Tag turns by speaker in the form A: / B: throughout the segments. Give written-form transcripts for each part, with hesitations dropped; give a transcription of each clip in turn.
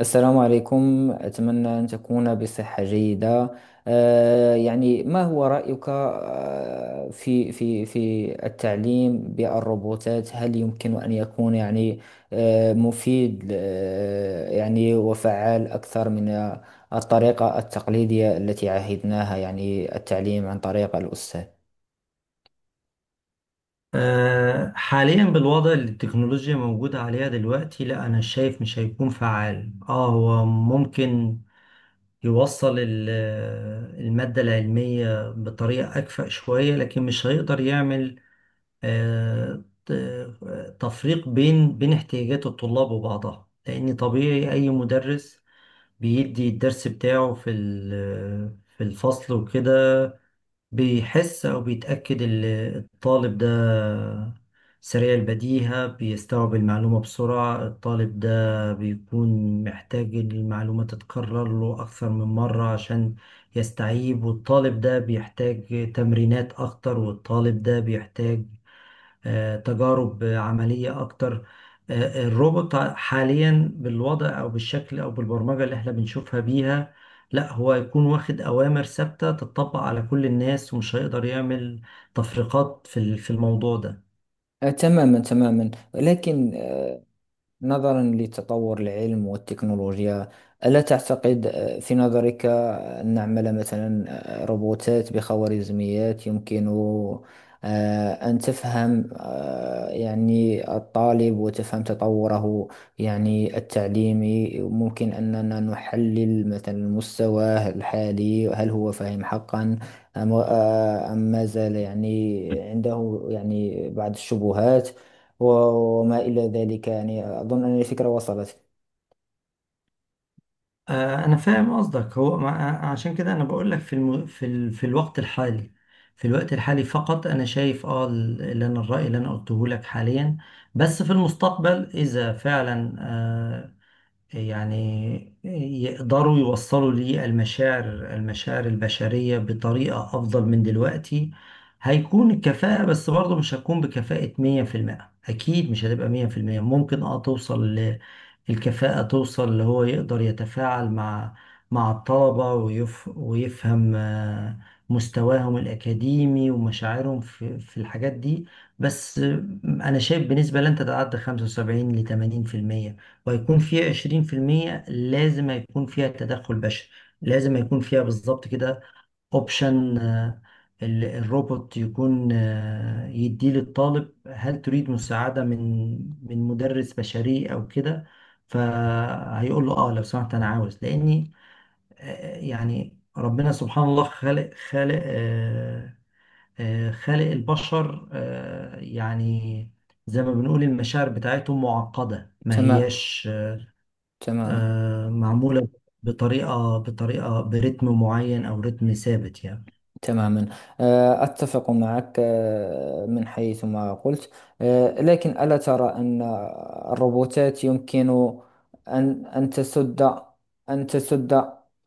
A: السلام عليكم، أتمنى أن تكون بصحة جيدة. يعني ما هو رأيك في في التعليم بالروبوتات؟ هل يمكن أن يكون يعني مفيد يعني وفعال أكثر من الطريقة التقليدية التي عهدناها؟ يعني التعليم عن طريق الأستاذ.
B: حاليا بالوضع اللي التكنولوجيا موجودة عليها دلوقتي، لا أنا شايف مش هيكون فعال. اه هو ممكن يوصل المادة العلمية بطريقة أكفأ شوية، لكن مش هيقدر يعمل تفريق بين احتياجات الطلاب وبعضها، لأن طبيعي أي مدرس بيدي الدرس بتاعه في الفصل وكده بيحس أو بيتأكد الطالب ده سريع البديهة بيستوعب المعلومة بسرعة، الطالب ده بيكون محتاج المعلومة تتكرر له أكثر من مرة عشان يستوعب، والطالب ده بيحتاج تمرينات أكتر، والطالب ده بيحتاج تجارب عملية أكتر. الروبوت حاليا بالوضع أو بالشكل أو بالبرمجة اللي احنا بنشوفها بيها، لا هو هيكون واخد أوامر ثابتة تطبق على كل الناس، ومش هيقدر يعمل تفرقات في الموضوع ده.
A: تماما تماما. لكن نظرا لتطور العلم والتكنولوجيا، ألا تعتقد في نظرك أن نعمل مثلا روبوتات بخوارزميات يمكن أن تفهم يعني الطالب وتفهم تطوره يعني التعليمي؟ ممكن أننا نحلل مثلا مستواه الحالي، هل هو فاهم حقا أم ما زال يعني عنده يعني بعض الشبهات وما إلى ذلك. يعني أظن أن الفكرة وصلت.
B: أنا فاهم قصدك. هو عشان كده أنا بقول لك في الوقت الحالي فقط أنا شايف اللي أنا الرأي اللي أنا قلته لك حاليا، بس في المستقبل إذا فعلا يعني يقدروا يوصلوا ليه المشاعر البشرية بطريقة أفضل من دلوقتي، هيكون الكفاءة، بس برضه مش هتكون بكفاءة مية في المية، أكيد مش هتبقى مية في المية، ممكن توصل الكفاءة، توصل اللي هو يقدر يتفاعل مع الطلبة، ويفهم مستواهم الأكاديمي ومشاعرهم في الحاجات دي. بس أنا شايف بنسبة لن تتعدى 75 ل 80%، وهيكون فيها 20% لازم هيكون فيها تدخل بشري، لازم هيكون فيها بالظبط كده اوبشن، الروبوت يكون يديه للطالب: هل تريد مساعدة من مدرس بشري او كده؟ فهيقول له لو سمحت انا عاوز، لاني يعني ربنا سبحان الله خالق البشر، يعني زي ما بنقول المشاعر بتاعتهم معقدة، ما
A: تمام.
B: هياش
A: تمام.
B: معمولة بطريقة برتم معين أو رتم ثابت يعني.
A: تماما، أتفق معك من حيث ما قلت. لكن ألا ترى أن الروبوتات يمكن أن تسد، أن تسد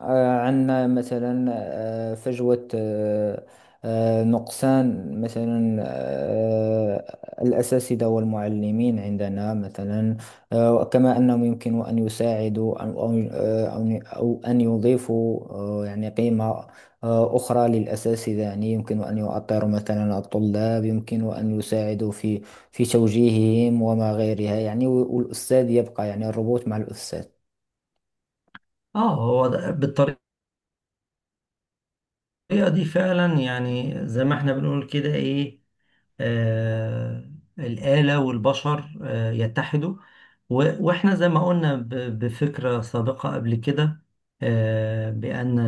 A: آه، عنا مثلا فجوة، نقصان مثلا الأساتذة والمعلمين عندنا مثلا؟ كما أنهم يمكن أن يساعدوا أو أن يضيفوا يعني قيمة أخرى للأساتذة. يعني يمكن أن يؤطروا مثلا الطلاب، يمكن أن يساعدوا في توجيههم وما غيرها. يعني والأستاذ يبقى، يعني الربط مع الأستاذ.
B: اه هو بالطريقة دي فعلا، يعني زي ما احنا بنقول كده ايه، آه الآلة والبشر يتحدوا. واحنا زي ما قلنا بفكرة سابقة قبل كده، بأن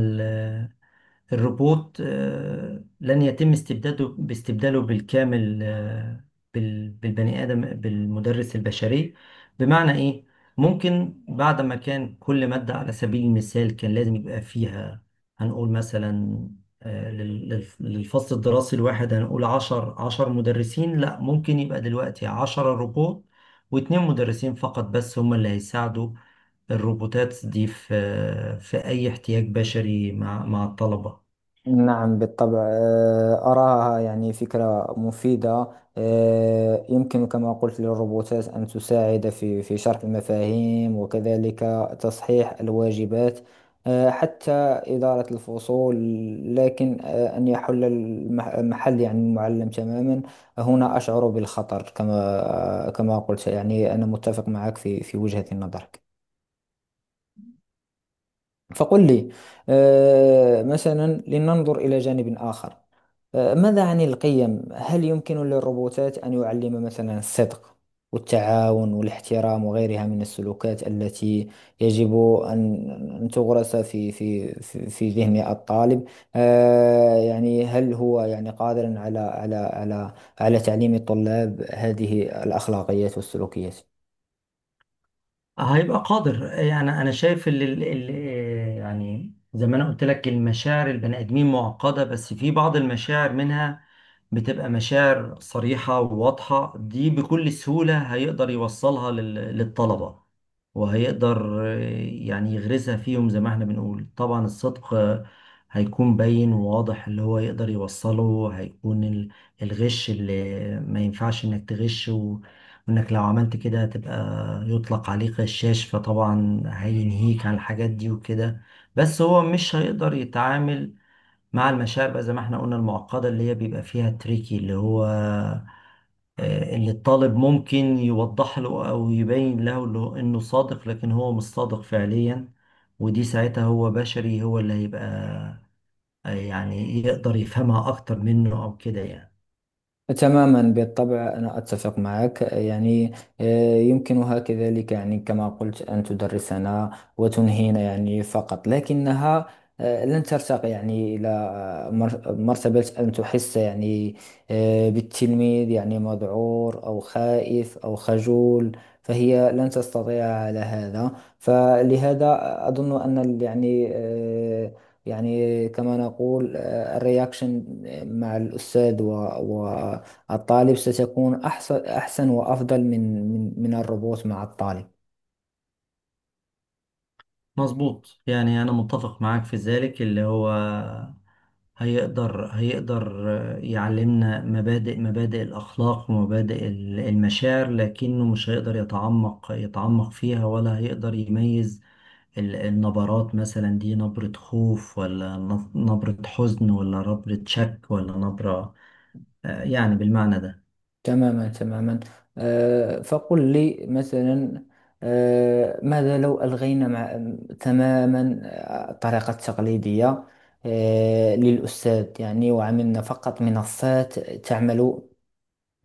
B: الروبوت لن يتم باستبداله بالكامل بالبني آدم بالمدرس البشري. بمعنى إيه؟ ممكن بعد ما كان كل مادة على سبيل المثال كان لازم يبقى فيها، هنقول مثلا للفصل الدراسي الواحد، هنقول عشر مدرسين، لا ممكن يبقى دلوقتي عشرة روبوت واتنين مدرسين فقط، بس هما اللي هيساعدوا الروبوتات دي في أي احتياج بشري مع الطلبة.
A: نعم بالطبع، أراها يعني فكرة مفيدة. يمكن كما قلت للروبوتات أن تساعد في شرح المفاهيم، وكذلك تصحيح الواجبات، حتى إدارة الفصول. لكن أن يحل محل يعني المعلم تماما، هنا أشعر بالخطر. كما قلت، يعني أنا متفق معك في وجهة النظر. فقل لي مثلا، لننظر إلى جانب آخر. ماذا عن القيم؟ هل يمكن للروبوتات أن يعلم مثلا الصدق والتعاون والاحترام وغيرها من السلوكات التي يجب أن تغرس في ذهن الطالب؟ يعني هل هو يعني قادر على على تعليم الطلاب هذه الأخلاقيات والسلوكيات؟
B: هيبقى قادر، يعني انا شايف ال ال ال يعني زي ما انا قلت لك المشاعر البني ادمين معقده، بس في بعض المشاعر منها بتبقى مشاعر صريحة وواضحة، دي بكل سهولة هيقدر يوصلها للطلبة، وهيقدر يعني يغرسها فيهم، زي ما احنا بنقول طبعا الصدق هيكون باين وواضح اللي هو يقدر يوصله، هيكون الغش اللي ما ينفعش انك تغش، وانك لو عملت كده هتبقى يطلق عليك غشاش، فطبعا هينهيك عن الحاجات دي وكده. بس هو مش هيقدر يتعامل مع المشاعر بقى، زي ما احنا قلنا المعقدة، اللي هي بيبقى فيها تريكي، اللي هو اللي الطالب ممكن يوضح له أو يبين له إنه صادق لكن هو مش صادق فعليا، ودي ساعتها هو بشري، هو اللي هيبقى يعني يقدر يفهمها أكتر منه، أو كده يعني.
A: تماما بالطبع، أنا أتفق معك. يعني يمكنها كذلك يعني كما قلت أن تدرسنا وتنهينا يعني فقط، لكنها لن ترتقي يعني إلى مرتبة أن تحس يعني بالتلميذ، يعني مذعور أو خائف أو خجول. فهي لن تستطيع على هذا. فلهذا أظن أن يعني يعني كما نقول الرياكشن مع الأستاذ و الطالب ستكون أحسن، أحسن وأفضل من الروبوت مع الطالب.
B: مظبوط، يعني أنا متفق معاك في ذلك، اللي هو هيقدر يعلمنا مبادئ الأخلاق، ومبادئ المشاعر، لكنه مش هيقدر يتعمق فيها، ولا هيقدر يميز النبرات، مثلا دي نبرة خوف ولا نبرة حزن ولا نبرة شك ولا نبرة، يعني بالمعنى ده.
A: تماما تماما. فقل لي مثلا، ماذا لو ألغينا مع تماما الطريقة التقليدية للأستاذ، يعني وعملنا فقط منصات تعمل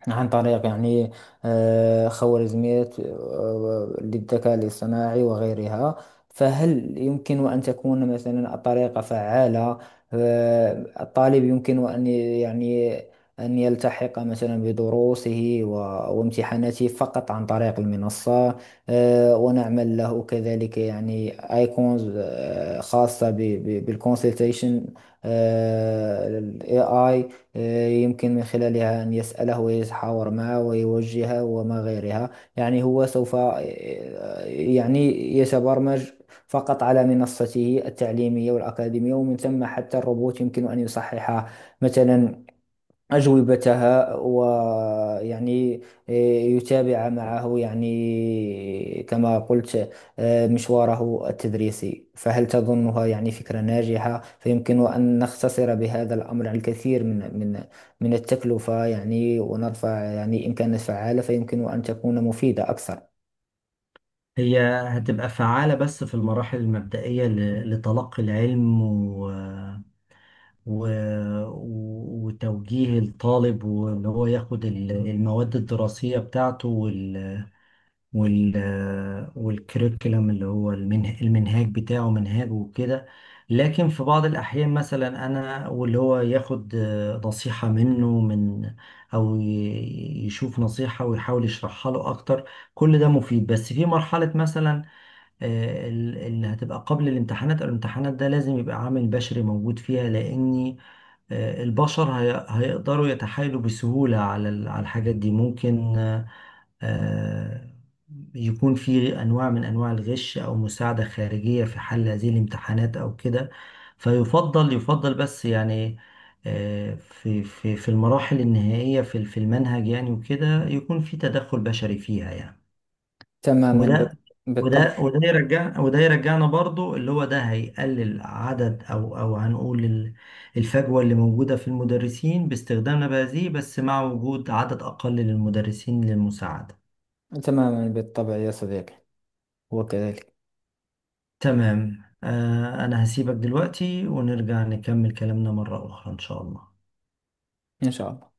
A: عن طريق يعني خوارزميات للذكاء الاصطناعي وغيرها؟ فهل يمكن أن تكون مثلا الطريقة فعالة؟ الطالب يمكن أن يعني أن يلتحق مثلا بدروسه وامتحاناته فقط عن طريق المنصة. ونعمل له كذلك يعني ايكونز خاصة بالكونسلتيشن اي اي، يمكن من خلالها أن يسأله ويتحاور معه ويوجهه وما غيرها. يعني هو سوف يعني يتبرمج فقط على منصته التعليمية والأكاديمية، ومن ثم حتى الروبوت يمكن أن يصحح مثلا أجوبتها، ويعني يتابع معه يعني كما قلت مشواره التدريسي. فهل تظنها يعني فكرة ناجحة؟ فيمكن أن نختصر بهذا الأمر الكثير من التكلفة، يعني ونرفع يعني إن كانت فعالة فيمكن أن تكون مفيدة أكثر.
B: هي هتبقى فعالة بس في المراحل المبدئية لتلقي العلم و... و- وتوجيه الطالب، وان هو ياخد المواد الدراسية بتاعته، وال والكريكولم اللي هو المنهاج بتاعه منهاجه وكده. لكن في بعض الأحيان مثلا أنا، واللي هو ياخد نصيحة منه أو يشوف نصيحة ويحاول يشرحها له أكتر، كل ده مفيد. بس في مرحلة مثلا اللي هتبقى قبل الامتحانات، الامتحانات ده لازم يبقى عامل بشري موجود فيها، لأني البشر هيقدروا يتحايلوا بسهولة على الحاجات دي. ممكن آه، يكون في أنواع من أنواع الغش أو مساعدة خارجية في حل هذه الامتحانات أو كده. يفضل بس يعني في المراحل النهائية في المنهج يعني وكده، يكون في تدخل بشري فيها يعني.
A: تماما بال-
B: وده
A: بالطبع.
B: وده يرجعنا برضو اللي هو ده هيقلل عدد، او هنقول الفجوة اللي موجودة في المدرسين باستخدامنا بهذه، بس مع وجود عدد اقل للمدرسين للمساعدة.
A: تماما بالطبع يا صديقي. وكذلك
B: تمام. انا هسيبك دلوقتي ونرجع نكمل كلامنا مرة اخرى ان شاء الله.
A: إن شاء الله.